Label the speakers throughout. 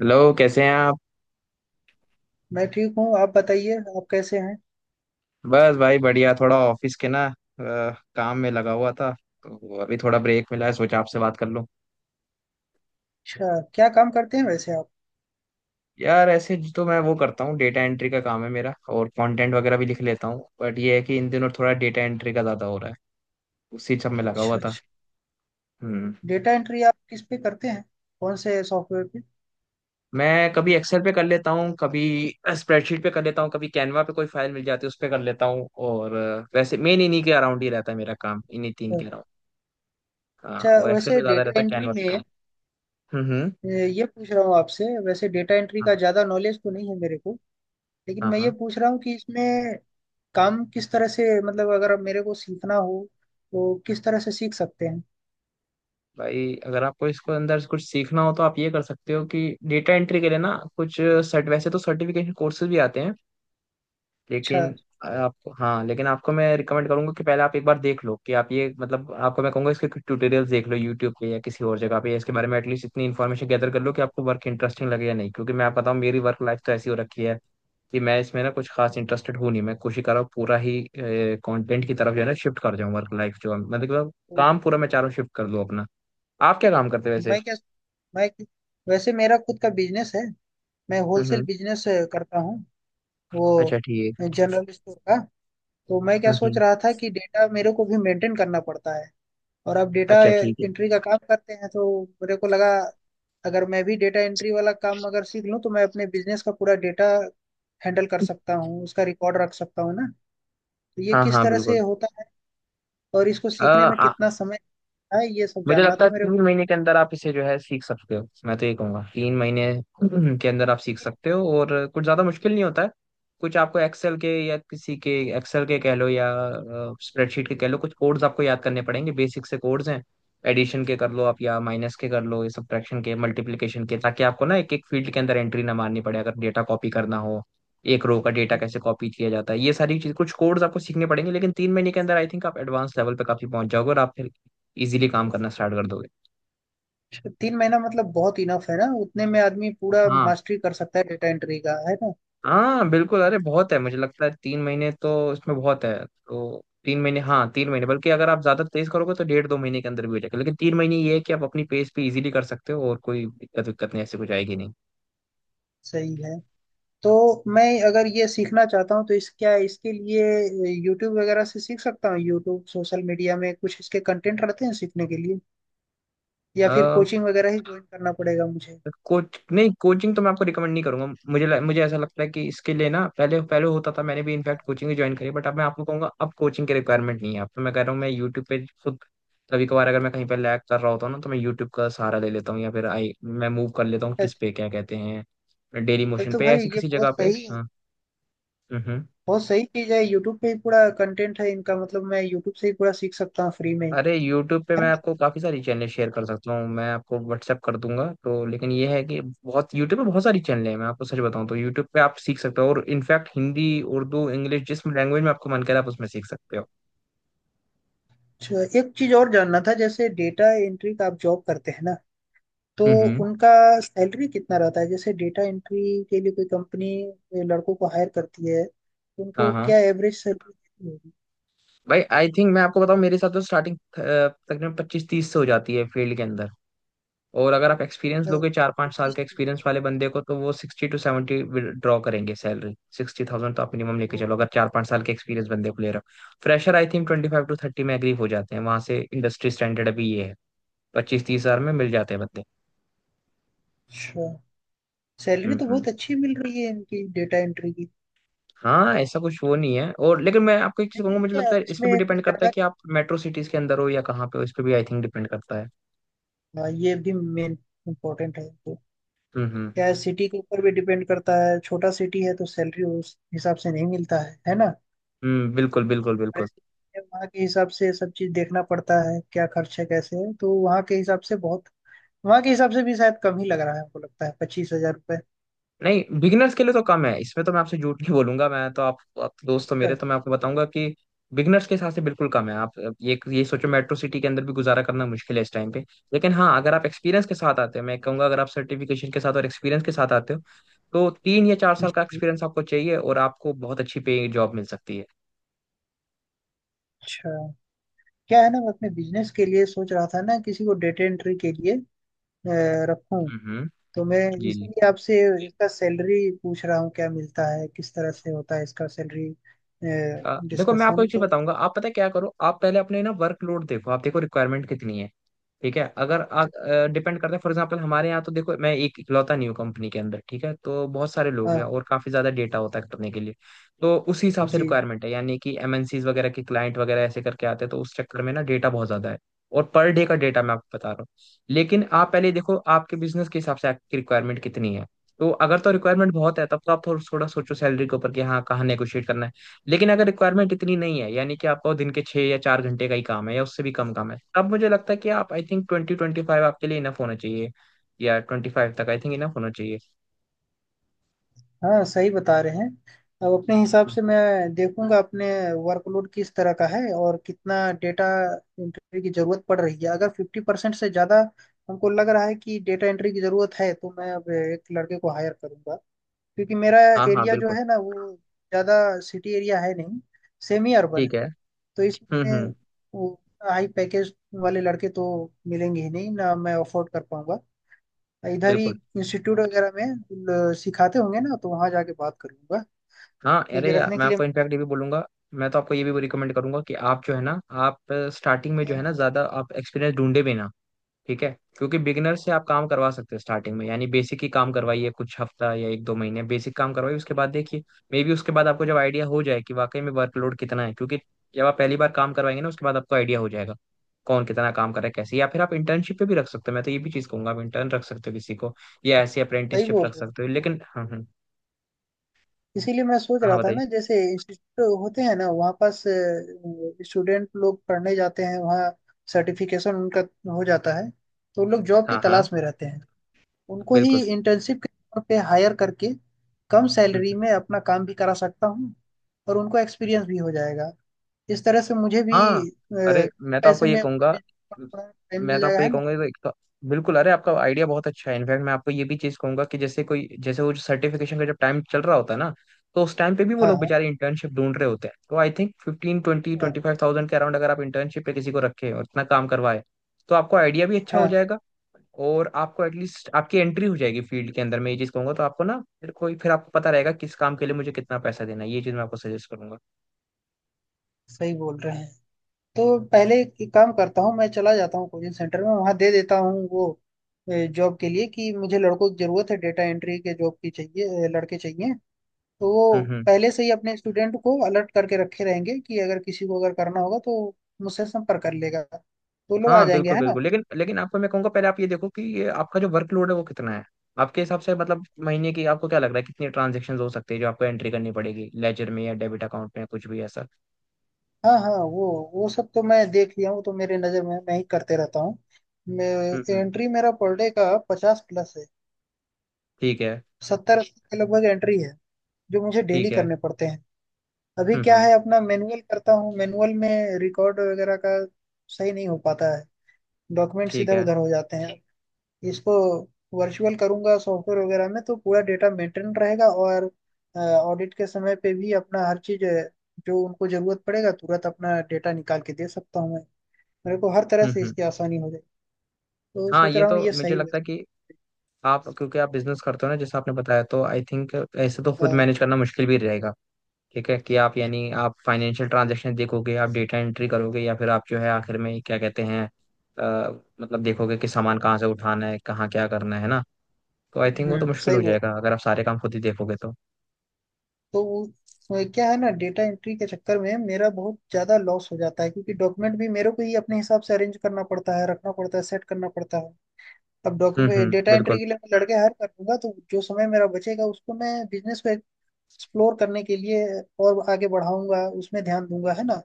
Speaker 1: Hello. कैसे हैं आप?
Speaker 2: मैं ठीक हूँ। आप बताइए, आप कैसे हैं?
Speaker 1: बस भाई बढ़िया। थोड़ा ऑफिस के ना काम में लगा हुआ था। तो अभी थोड़ा ब्रेक मिला है, सोचा आपसे बात कर लूं।
Speaker 2: अच्छा, क्या काम करते हैं वैसे आप?
Speaker 1: यार, ऐसे तो मैं वो करता हूँ, डेटा एंट्री का काम है मेरा, और कंटेंट वगैरह भी लिख लेता हूँ। बट ये है कि इन दिनों थोड़ा डेटा एंट्री का ज़्यादा हो रहा है। उसी सब में लगा हुआ
Speaker 2: अच्छा
Speaker 1: था।
Speaker 2: अच्छा।
Speaker 1: हम्म।
Speaker 2: डेटा एंट्री आप किस पे करते हैं? कौन से सॉफ्टवेयर पे?
Speaker 1: मैं कभी एक्सेल पे कर लेता हूँ, कभी स्प्रेडशीट पे कर लेता हूँ, कभी कैनवा पे कोई फाइल मिल जाती है उस पे कर लेता हूँ। और वैसे मेन इन्हीं के अराउंड ही रहता है मेरा काम, इन्हीं तीन के अराउंड। हाँ,
Speaker 2: अच्छा,
Speaker 1: और एक्सेल पे
Speaker 2: वैसे
Speaker 1: ज़्यादा
Speaker 2: डेटा
Speaker 1: रहता है, कैनवा
Speaker 2: एंट्री
Speaker 1: पे काम।
Speaker 2: में
Speaker 1: हम्म, हम्म।
Speaker 2: ये पूछ रहा हूँ आपसे, वैसे डेटा एंट्री का
Speaker 1: हाँ,
Speaker 2: ज़्यादा नॉलेज तो नहीं है मेरे को, लेकिन
Speaker 1: हाँ,
Speaker 2: मैं ये
Speaker 1: हाँ।
Speaker 2: पूछ रहा हूँ कि इसमें काम किस तरह से, मतलब अगर अब मेरे को सीखना हो तो किस तरह से सीख सकते हैं?
Speaker 1: भाई, अगर आपको इसको अंदर से कुछ सीखना हो तो आप ये कर सकते हो कि डेटा एंट्री के लिए ना कुछ सर्ट वैसे तो सर्टिफिकेशन कोर्सेज भी आते हैं,
Speaker 2: अच्छा।
Speaker 1: लेकिन आपको हाँ लेकिन आपको मैं रिकमेंड करूंगा कि पहले आप एक बार देख लो कि आप ये, मतलब आपको मैं कहूंगा इसके ट्यूटोरियल्स देख लो यूट्यूब पे या किसी और जगह पे, या इसके बारे में एटलीस्ट इतनी इन्फॉर्मेशन गैदर कर लो कि आपको वर्क इंटरेस्टिंग लगे या नहीं। क्योंकि मैं आपको बताऊँ, मेरी वर्क लाइफ तो ऐसी हो रखी है कि मैं इसमें ना कुछ खास इंटरेस्टेड हूँ नहीं। मैं कोशिश कर रहा हूँ पूरा ही कंटेंट की तरफ जो है ना शिफ्ट कर जाऊं। वर्क लाइफ जो, मतलब
Speaker 2: तो
Speaker 1: काम पूरा मैं चारों शिफ्ट कर दूं अपना। आप क्या काम करते हो वैसे?
Speaker 2: मैं क्या मैं वैसे मेरा खुद का बिजनेस है। मैं
Speaker 1: हम्म,
Speaker 2: होलसेल बिजनेस करता हूँ, वो
Speaker 1: अच्छा, ठीक है।
Speaker 2: जनरल स्टोर का। तो मैं क्या सोच
Speaker 1: हम्म।
Speaker 2: रहा था कि डेटा मेरे को भी मेंटेन करना पड़ता है, और अब डेटा
Speaker 1: अच्छा, ठीक है।
Speaker 2: एंट्री का काम करते हैं तो मेरे को लगा अगर मैं भी डेटा एंट्री वाला काम अगर सीख लूँ तो मैं अपने बिजनेस का पूरा डेटा हैंडल कर सकता हूँ, उसका रिकॉर्ड रख सकता हूँ ना। तो ये
Speaker 1: हाँ,
Speaker 2: किस
Speaker 1: हाँ,
Speaker 2: तरह से
Speaker 1: बिल्कुल।
Speaker 2: होता है और इसको
Speaker 1: अ,
Speaker 2: सीखने में
Speaker 1: आ,
Speaker 2: कितना समय लगता है, ये सब
Speaker 1: मुझे
Speaker 2: जानना
Speaker 1: लगता
Speaker 2: था
Speaker 1: है
Speaker 2: मेरे
Speaker 1: तीन
Speaker 2: को।
Speaker 1: महीने के अंदर आप इसे जो है सीख सकते हो। मैं तो ये कहूंगा 3 महीने के अंदर आप सीख सकते हो, और कुछ ज्यादा मुश्किल नहीं होता है। कुछ आपको एक्सेल के कह लो या स्प्रेडशीट के कह लो, कुछ कोड्स आपको याद करने पड़ेंगे, बेसिक से कोड्स हैं। एडिशन के कर लो आप, या माइनस के कर लो, या सब्ट्रैक्शन के, मल्टीप्लिकेशन के, ताकि आपको ना एक एक फील्ड के अंदर एंट्री ना मारनी पड़े अगर डेटा कॉपी करना हो। एक रो
Speaker 2: ओके,
Speaker 1: का डेटा
Speaker 2: ओके।
Speaker 1: कैसे कॉपी किया जाता है, ये सारी चीज, कुछ कोड्स आपको सीखने पड़ेंगे। लेकिन 3 महीने के अंदर आई थिंक आप एडवांस लेवल पे काफी पहुंच जाओगे और आप फिर इजीली काम करना स्टार्ट कर दोगे।
Speaker 2: 3 महीना मतलब बहुत इनफ है ना, उतने में आदमी पूरा
Speaker 1: हाँ,
Speaker 2: मास्टरी कर सकता है डेटा एंट्री का, है ना?
Speaker 1: हाँ, बिल्कुल। अरे बहुत है, मुझे लगता है तीन महीने तो इसमें बहुत है। तो 3 महीने, हाँ, 3 महीने, बल्कि अगर आप ज्यादा तेज करोगे तो 1.5-2 महीने के अंदर भी हो जाएगा। लेकिन तीन महीने ये है कि आप अपनी पेस पे इजीली कर सकते हो और कोई दिक्कत विक्कत नहीं ऐसी कुछ आएगी नहीं।
Speaker 2: सही है। तो मैं अगर ये सीखना चाहता हूँ तो इस क्या इसके लिए यूट्यूब वगैरह से सीख सकता हूँ? यूट्यूब, सोशल मीडिया में कुछ इसके कंटेंट रहते हैं सीखने के लिए, या फिर
Speaker 1: अ,
Speaker 2: कोचिंग वगैरह ही ज्वाइन करना पड़ेगा मुझे?
Speaker 1: कोच नहीं, कोचिंग तो मैं आपको रिकमेंड नहीं करूंगा। मुझे ऐसा लगता है कि इसके लिए ना, पहले पहले होता था, मैंने भी इनफैक्ट कोचिंग भी ज्वाइन करी। बट अब मैं आपको कहूंगा अब कोचिंग की रिक्वायरमेंट नहीं है। अब तो मैं कह रहा हूँ, मैं यूट्यूब पे खुद कभी कभार अगर मैं कहीं पर लैग कर रहा होता हूँ ना, तो मैं यूट्यूब का सहारा ले लेता हूँ, या फिर आई मैं मूव कर लेता हूँ, किस
Speaker 2: अच्छा,
Speaker 1: पे, क्या कहते हैं, डेली मोशन
Speaker 2: तो
Speaker 1: पे,
Speaker 2: भाई
Speaker 1: ऐसी
Speaker 2: ये
Speaker 1: किसी जगह
Speaker 2: बहुत
Speaker 1: पे।
Speaker 2: सही है।
Speaker 1: हाँ। हम्म, हम्म।
Speaker 2: बहुत सही चीज है, यूट्यूब पे ही पूरा कंटेंट है इनका। मतलब मैं यूट्यूब से ही पूरा सीख सकता हूँ फ्री में ही,
Speaker 1: अरे यूट्यूब पे
Speaker 2: है
Speaker 1: मैं
Speaker 2: ना?
Speaker 1: आपको काफ़ी सारी चैनल शेयर कर सकता हूँ, मैं आपको व्हाट्सएप कर दूंगा। तो लेकिन ये है कि बहुत, यूट्यूब पे बहुत सारी चैनल है। मैं आपको सच बताऊँ तो यूट्यूब पे आप सीख सकते हो। और इनफैक्ट हिंदी, उर्दू, इंग्लिश, जिस लैंग्वेज में आपको मन करे आप उसमें सीख सकते हो।
Speaker 2: अच्छा, एक चीज और जानना था। जैसे डेटा एंट्री का आप जॉब करते हैं ना, तो
Speaker 1: हम्म।
Speaker 2: उनका सैलरी कितना रहता है? जैसे डेटा एंट्री के लिए कोई कंपनी लड़कों को हायर करती है तो
Speaker 1: हाँ,
Speaker 2: उनको
Speaker 1: हाँ।
Speaker 2: क्या एवरेज सैलरी देती होगी?
Speaker 1: भाई, आई थिंक, मैं आपको बताऊँ, मेरे साथ तो स्टार्टिंग तकरीबन 25-30 से हो जाती है फील्ड के अंदर। और अगर आप एक्सपीरियंस लोगे, 4-5 साल
Speaker 2: पच्चीस
Speaker 1: के
Speaker 2: तीस
Speaker 1: एक्सपीरियंस
Speaker 2: हजार
Speaker 1: वाले बंदे को, तो वो 60-70 ड्रॉ करेंगे सैलरी, 60,000 तो आप मिनिमम लेके
Speaker 2: तो
Speaker 1: चलो अगर चार पाँच साल के एक्सपीरियंस बंदे को ले रहे हो। फ्रेशर आई थिंक 25-30 में एग्री हो जाते हैं, वहां से इंडस्ट्री स्टैंडर्ड अभी ये है। 25-30 हजार में मिल जाते हैं बंदे।
Speaker 2: अच्छा, सैलरी
Speaker 1: हम्म,
Speaker 2: तो
Speaker 1: हम्म।
Speaker 2: बहुत अच्छी मिल रही है इनकी डेटा एंट्री की।
Speaker 1: हाँ, ऐसा कुछ वो नहीं है। और लेकिन मैं आपको एक चीज कहूंगा,
Speaker 2: लेकिन
Speaker 1: मुझे
Speaker 2: क्या
Speaker 1: लगता है इस पे
Speaker 2: इसमें
Speaker 1: भी
Speaker 2: कुछ
Speaker 1: डिपेंड करता है
Speaker 2: ज्यादा
Speaker 1: कि आप मेट्रो सिटीज के अंदर हो या कहाँ पे हो, इस पे भी आई थिंक डिपेंड करता है।
Speaker 2: हाँ, ये भी मेन इम्पोर्टेंट है। तो
Speaker 1: हम्म, हम्म।
Speaker 2: क्या सिटी के ऊपर भी डिपेंड करता है? छोटा सिटी है तो सैलरी उस हिसाब से नहीं मिलता है ना?
Speaker 1: हम्म, बिल्कुल, बिल्कुल,
Speaker 2: बड़े
Speaker 1: बिल्कुल।
Speaker 2: city में वहाँ के हिसाब से सब चीज देखना पड़ता है, क्या खर्च है कैसे है, तो वहाँ के हिसाब से बहुत वहाँ के हिसाब से भी शायद कम ही लग रहा है हमको, लगता है 25 हजार रुपये।
Speaker 1: नहीं, बिगिनर्स के लिए तो कम है, इसमें तो मैं आपसे झूठ नहीं बोलूंगा। मैं तो आप दोस्त हो मेरे, तो मैं आपको बताऊंगा कि बिगिनर्स के हिसाब से बिल्कुल कम है। आप ये सोचो, मेट्रो सिटी के अंदर भी गुजारा करना मुश्किल है इस टाइम पे। लेकिन हाँ, अगर आप एक्सपीरियंस के साथ आते हो, मैं कहूंगा अगर आप सर्टिफिकेशन के साथ और एक्सपीरियंस के साथ आते हो, तो तीन या चार
Speaker 2: जी
Speaker 1: साल का
Speaker 2: जी।
Speaker 1: एक्सपीरियंस आपको चाहिए और आपको बहुत अच्छी पे जॉब मिल सकती है।
Speaker 2: अच्छा, क्या है ना, मैं अपने बिजनेस के लिए सोच रहा था ना किसी को डेटा एंट्री के लिए रखूं।
Speaker 1: हम्म।
Speaker 2: तो मैं
Speaker 1: जी, जी।
Speaker 2: इसीलिए आपसे इसका सैलरी पूछ रहा हूँ, क्या मिलता है, किस तरह से होता है इसका सैलरी
Speaker 1: देखो मैं आपको
Speaker 2: डिस्कशन
Speaker 1: एक चीज
Speaker 2: तो।
Speaker 1: बताऊंगा। आप, पता है क्या करो, आप पहले अपने ना वर्कलोड देखो, आप देखो रिक्वायरमेंट कितनी है। ठीक है। अगर, डिपेंड करता है, फॉर एग्जांपल हमारे यहाँ तो देखो, मैं एक इकलौता न्यू कंपनी के अंदर, ठीक है, तो बहुत सारे लोग हैं
Speaker 2: हाँ
Speaker 1: और काफी ज्यादा डेटा होता है करने के लिए। तो उसी हिसाब से
Speaker 2: जी
Speaker 1: रिक्वायरमेंट है, यानी कि एमएनसीज वगैरह के क्लाइंट वगैरह ऐसे करके आते हैं, तो उस चक्कर में ना डेटा बहुत ज्यादा है। और पर डे का डेटा मैं आपको बता रहा हूँ। लेकिन आप पहले देखो आपके बिजनेस के हिसाब से आपकी रिक्वायरमेंट कितनी है। तो अगर तो रिक्वायरमेंट बहुत है, तब तो आप थोड़ा थोड़ा सोचो सैलरी के ऊपर कि हाँ कहाँ नेगोशिएट करना है। लेकिन अगर रिक्वायरमेंट इतनी नहीं है, यानी कि आपका वो दिन के 6 या 4 घंटे का ही काम है या उससे भी कम काम है, तब मुझे लगता है कि आप, आई थिंक, 20-25 आपके लिए इनफ होना चाहिए। या 25 तक आई थिंक इनफ होना चाहिए।
Speaker 2: हाँ, सही बता रहे हैं। अब अपने हिसाब
Speaker 1: हम्म।
Speaker 2: से मैं देखूंगा अपने वर्कलोड किस तरह का है और कितना डेटा एंट्री की जरूरत पड़ रही है। अगर 50% से ज़्यादा हमको लग रहा है कि डेटा एंट्री की ज़रूरत है तो मैं अब एक लड़के को हायर करूंगा। क्योंकि मेरा
Speaker 1: हाँ, हाँ,
Speaker 2: एरिया जो
Speaker 1: बिल्कुल।
Speaker 2: है ना वो ज़्यादा सिटी एरिया है नहीं, सेमी अर्बन है।
Speaker 1: ठीक है।
Speaker 2: तो
Speaker 1: हम्म,
Speaker 2: इसमें
Speaker 1: हम्म,
Speaker 2: वो हाई पैकेज वाले लड़के तो मिलेंगे ही नहीं ना, मैं अफोर्ड कर पाऊंगा इधर ही।
Speaker 1: बिल्कुल।
Speaker 2: इंस्टीट्यूट वगैरह में सिखाते होंगे ना, तो वहाँ जाके बात करूंगा
Speaker 1: हाँ, अरे
Speaker 2: क्योंकि
Speaker 1: यार,
Speaker 2: रखने
Speaker 1: मैं
Speaker 2: के
Speaker 1: आपको
Speaker 2: लिए
Speaker 1: इनफैक्ट ये भी बोलूंगा। मैं तो आपको ये भी रिकमेंड करूंगा कि आप जो है ना, आप स्टार्टिंग में जो है
Speaker 2: हैं।
Speaker 1: ना ज्यादा आप एक्सपीरियंस ढूंढे भी ना। ठीक है। क्योंकि बिगिनर से आप काम करवा सकते हैं स्टार्टिंग में, यानी बेसिक ही काम करवाइए, कुछ हफ्ता या 1-2 महीने बेसिक काम करवाइए, उसके बाद देखिए। मे बी उसके बाद आपको जब आइडिया हो जाए कि वाकई में वर्कलोड कितना है, क्योंकि जब आप पहली बार काम करवाएंगे ना, उसके बाद आपको आइडिया हो जाएगा कौन कितना काम कर रहा है कैसे, या फिर आप इंटर्नशिप पे भी रख सकते हो। मैं तो ये भी चीज़ कहूंगा, आप इंटर्न रख सकते हो किसी को, या ऐसी
Speaker 2: सही
Speaker 1: अप्रेंटिसशिप
Speaker 2: बोल
Speaker 1: रख
Speaker 2: रहे हैं।
Speaker 1: सकते हो। लेकिन हाँ, हाँ।
Speaker 2: इसीलिए मैं सोच
Speaker 1: हाँ,
Speaker 2: रहा था
Speaker 1: बताइए।
Speaker 2: ना, जैसे इंस्टीट्यूट होते हैं ना वहाँ पास स्टूडेंट लोग पढ़ने जाते हैं, वहाँ सर्टिफिकेशन उनका हो जाता है तो लोग जॉब की
Speaker 1: हाँ, हाँ,
Speaker 2: तलाश में रहते हैं। उनको ही
Speaker 1: बिल्कुल।
Speaker 2: इंटर्नशिप के तौर पे हायर करके कम
Speaker 1: हम्म,
Speaker 2: सैलरी
Speaker 1: हम्म,
Speaker 2: में अपना काम भी करा सकता हूँ और उनको
Speaker 1: हम्म।
Speaker 2: एक्सपीरियंस भी हो जाएगा। इस तरह से मुझे
Speaker 1: हाँ,
Speaker 2: भी
Speaker 1: अरे
Speaker 2: पैसे में अपने बिजनेस का थोड़ा टाइम
Speaker 1: मैं
Speaker 2: मिल
Speaker 1: तो
Speaker 2: जाएगा,
Speaker 1: आपको ये
Speaker 2: है ना?
Speaker 1: कहूंगा कि, तो बिल्कुल, अरे आपका आइडिया बहुत अच्छा है। इनफैक्ट मैं आपको ये भी चीज कहूंगा कि जैसे कोई, जैसे वो जो सर्टिफिकेशन का जब टाइम चल रहा होता है ना, तो उस टाइम पे भी वो
Speaker 2: हाँ
Speaker 1: लोग
Speaker 2: हाँ
Speaker 1: बेचारे इंटर्नशिप ढूंढ रहे होते हैं। तो आई थिंक फिफ्टीन ट्वेंटी
Speaker 2: हाँ
Speaker 1: ट्वेंटी फाइव थाउजेंड के अराउंड अगर आप इंटर्नशिप पे किसी को रखे और इतना काम करवाए, तो आपको आइडिया भी अच्छा हो
Speaker 2: हाँ,
Speaker 1: जाएगा। और आपको एटलीस्ट आपकी एंट्री हो जाएगी फील्ड के अंदर, मैं ये चीज कहूंगा। तो आपको ना फिर कोई, फिर आपको पता रहेगा किस काम के लिए मुझे कितना पैसा देना है, ये चीज मैं आपको सजेस्ट करूंगा।
Speaker 2: सही बोल रहे हैं। तो पहले एक काम करता हूँ, मैं चला जाता हूँ कोचिंग सेंटर में, वहाँ दे देता हूँ वो जॉब के लिए कि मुझे लड़कों की जरूरत है, डेटा एंट्री के जॉब की चाहिए, लड़के चाहिए। तो
Speaker 1: हम्म,
Speaker 2: वो पहले से ही अपने स्टूडेंट को अलर्ट करके रखे रहेंगे कि अगर किसी को अगर करना होगा तो मुझसे संपर्क कर लेगा, तो लोग आ
Speaker 1: हाँ,
Speaker 2: जाएंगे,
Speaker 1: बिल्कुल,
Speaker 2: है ना?
Speaker 1: बिल्कुल। लेकिन लेकिन आपको मैं कहूंगा पहले आप ये देखो कि ये आपका जो वर्कलोड है वो कितना है। आपके हिसाब से मतलब महीने की, आपको क्या लग रहा है कितनी ट्रांजेक्शन हो सकती है जो आपको एंट्री करनी पड़ेगी, लेजर में या डेबिट अकाउंट में, कुछ भी ऐसा।
Speaker 2: हाँ हाँ, वो सब तो मैं देख लिया हूँ, तो मेरे नज़र में मैं ही करते रहता हूँ।
Speaker 1: हम्म, हम्म।
Speaker 2: एंट्री मेरा पर डे का 50 प्लस है,
Speaker 1: ठीक है।
Speaker 2: 70-80 के लगभग एंट्री है जो मुझे डेली
Speaker 1: ठीक है।
Speaker 2: करने पड़ते हैं। अभी
Speaker 1: हम्म,
Speaker 2: क्या
Speaker 1: हम्म।
Speaker 2: है, अपना मैनुअल करता हूँ, मैनुअल में रिकॉर्ड वगैरह का सही नहीं हो पाता है, डॉक्यूमेंट्स
Speaker 1: ठीक
Speaker 2: इधर
Speaker 1: है।
Speaker 2: उधर हो जाते हैं। इसको वर्चुअल करूंगा सॉफ्टवेयर वगैरह में, तो पूरा डेटा मेंटेन रहेगा और ऑडिट के समय पे भी अपना हर चीज जो उनको जरूरत पड़ेगा तुरंत अपना डेटा निकाल के दे सकता हूँ मैं। मेरे को हर तरह
Speaker 1: हम्म,
Speaker 2: से
Speaker 1: हम्म।
Speaker 2: इसकी आसानी हो जाए, तो
Speaker 1: हाँ,
Speaker 2: सोच
Speaker 1: ये
Speaker 2: रहा हूँ
Speaker 1: तो
Speaker 2: ये
Speaker 1: मुझे
Speaker 2: सही है।
Speaker 1: लगता है कि आप, क्योंकि आप बिजनेस करते हो ना, जैसे आपने बताया, तो आई थिंक ऐसे तो खुद
Speaker 2: अ,
Speaker 1: मैनेज करना मुश्किल भी रहेगा। ठीक है, कि आप यानी आप फाइनेंशियल ट्रांजैक्शन देखोगे, आप डेटा एंट्री करोगे, या फिर आप जो है, आखिर में क्या कहते हैं, अ, मतलब देखोगे कि सामान कहाँ से उठाना है, कहाँ क्या करना है ना। तो आई थिंक वो तो
Speaker 2: हम्म,
Speaker 1: मुश्किल
Speaker 2: सही
Speaker 1: हो
Speaker 2: बोल।
Speaker 1: जाएगा अगर आप सारे काम खुद ही देखोगे तो।
Speaker 2: तो वो- वो क्या है ना, डेटा एंट्री के चक्कर में मेरा बहुत ज्यादा लॉस हो जाता है क्योंकि डॉक्यूमेंट भी मेरे को ही अपने हिसाब से अरेंज करना पड़ता है, रखना पड़ता है, सेट करना पड़ता है। अब
Speaker 1: हम्म,
Speaker 2: डॉक्यूमेंट
Speaker 1: हम्म,
Speaker 2: डेटा एंट्री
Speaker 1: बिल्कुल।
Speaker 2: के लिए मैं लड़के हायर कर लूंगा तो जो समय मेरा बचेगा उसको मैं बिजनेस को एक्सप्लोर करने के लिए और आगे बढ़ाऊंगा, उसमें ध्यान दूंगा, है ना,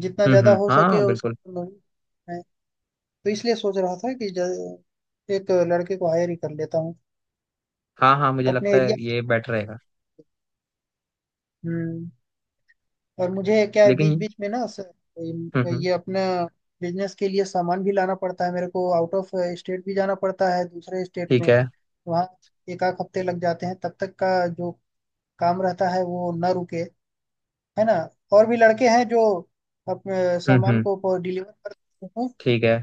Speaker 2: जितना
Speaker 1: हम्म,
Speaker 2: ज्यादा
Speaker 1: हम्म।
Speaker 2: हो सके
Speaker 1: हाँ,
Speaker 2: उसका।
Speaker 1: बिल्कुल।
Speaker 2: मैं- तो इसलिए सोच रहा था कि एक लड़के को हायर ही कर लेता हूँ
Speaker 1: हाँ, हाँ, मुझे
Speaker 2: अपने
Speaker 1: लगता है
Speaker 2: एरिया में।
Speaker 1: ये बेटर रहेगा।
Speaker 2: हम्म। और मुझे क्या है, बीच
Speaker 1: लेकिन।
Speaker 2: बीच में ना
Speaker 1: हम्म, हम्म।
Speaker 2: ये अपना बिजनेस के लिए सामान भी लाना पड़ता है मेरे को, आउट ऑफ स्टेट भी जाना पड़ता है, दूसरे स्टेट
Speaker 1: ठीक
Speaker 2: में।
Speaker 1: है।
Speaker 2: वहाँ एक आध हफ्ते लग जाते हैं, तब तक का जो काम रहता है वो ना रुके, है ना। और भी लड़के हैं जो अपने
Speaker 1: हम्म,
Speaker 2: सामान
Speaker 1: हम्म।
Speaker 2: को डिलीवर कर देते हैं।
Speaker 1: ठीक है।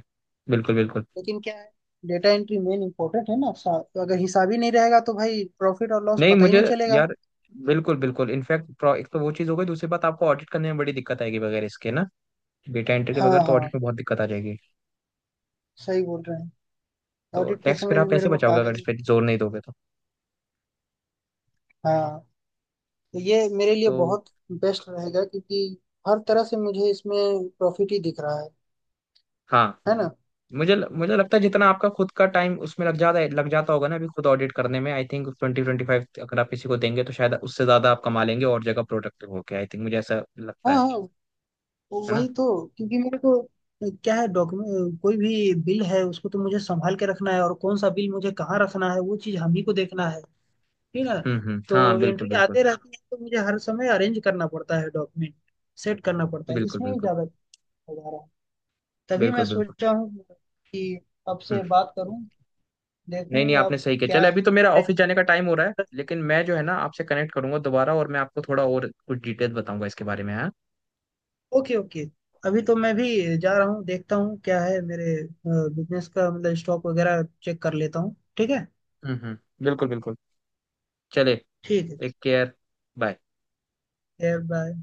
Speaker 1: बिल्कुल, बिल्कुल।
Speaker 2: लेकिन क्या है, डेटा एंट्री मेन इम्पोर्टेंट है ना तो अगर हिसाब ही नहीं रहेगा तो भाई प्रॉफिट और लॉस
Speaker 1: नहीं,
Speaker 2: पता ही
Speaker 1: मुझे,
Speaker 2: नहीं चलेगा।
Speaker 1: यार, बिल्कुल, बिल्कुल, इनफैक्ट एक तो वो चीज़ हो गई, दूसरी बात आपको ऑडिट करने में बड़ी दिक्कत आएगी वगैरह इसके ना। डेटा एंट्री के
Speaker 2: हाँ
Speaker 1: बगैर तो
Speaker 2: हाँ,
Speaker 1: ऑडिट में बहुत दिक्कत आ जाएगी।
Speaker 2: सही बोल रहे हैं।
Speaker 1: तो
Speaker 2: ऑडिट के
Speaker 1: टैक्स फिर
Speaker 2: समय
Speaker 1: आप
Speaker 2: भी मेरे
Speaker 1: कैसे
Speaker 2: को
Speaker 1: बचाओगे अगर इस
Speaker 2: कागज
Speaker 1: पे जोर नहीं दोगे तो।
Speaker 2: हाँ, तो ये मेरे लिए
Speaker 1: तो
Speaker 2: बहुत बेस्ट रहेगा, क्योंकि हर तरह से मुझे इसमें प्रॉफिट ही दिख रहा है
Speaker 1: हाँ,
Speaker 2: है ना।
Speaker 1: मुझे मुझे लगता है जितना आपका खुद का टाइम उसमें लग जाता है, लग जाता होगा ना अभी खुद ऑडिट करने में, आई थिंक 20-25 अगर आप किसी को देंगे तो शायद उससे ज्यादा आप कमा लेंगे और जगह प्रोडक्टिव होके, आई थिंक मुझे ऐसा
Speaker 2: हाँ
Speaker 1: लगता है।
Speaker 2: हाँ,
Speaker 1: है ना।
Speaker 2: वही तो। क्योंकि मेरे को क्या है, डॉक्यूमेंट कोई भी बिल है उसको तो मुझे संभाल के रखना है और कौन सा बिल मुझे कहाँ रखना है वो चीज़ हम ही को देखना है, ठीक है।
Speaker 1: हम्म, हम्म। हाँ,
Speaker 2: तो
Speaker 1: बिल्कुल,
Speaker 2: एंट्री
Speaker 1: बिल्कुल।
Speaker 2: आते रहती है तो मुझे हर समय अरेंज करना पड़ता है डॉक्यूमेंट, सेट करना पड़ता है,
Speaker 1: बिल्कुल,
Speaker 2: इसमें ही
Speaker 1: बिल्कुल।
Speaker 2: ज़्यादा हो जा रहा है। तभी
Speaker 1: बिल्कुल,
Speaker 2: मैं
Speaker 1: बिल्कुल।
Speaker 2: सोचा हूँ कि
Speaker 1: हम्म।
Speaker 2: आपसे बात करूँ,
Speaker 1: नहीं, नहीं,
Speaker 2: देखूँ
Speaker 1: आपने
Speaker 2: आप
Speaker 1: सही किया।
Speaker 2: क्या
Speaker 1: चले, अभी तो मेरा
Speaker 2: है।
Speaker 1: ऑफिस जाने का टाइम हो रहा है, लेकिन मैं जो है ना आपसे कनेक्ट करूंगा दोबारा, और मैं आपको थोड़ा और कुछ डिटेल बताऊंगा इसके बारे में। हाँ।
Speaker 2: ओके ओके, अभी तो मैं भी जा रहा हूँ, देखता हूँ क्या है मेरे बिजनेस का, मतलब स्टॉक वगैरह चेक कर लेता हूँ। ठीक है,
Speaker 1: हम्म, हम्म। बिल्कुल, बिल्कुल। चले।
Speaker 2: ठीक है ठीक
Speaker 1: टेक केयर। बाय।
Speaker 2: है। बाय।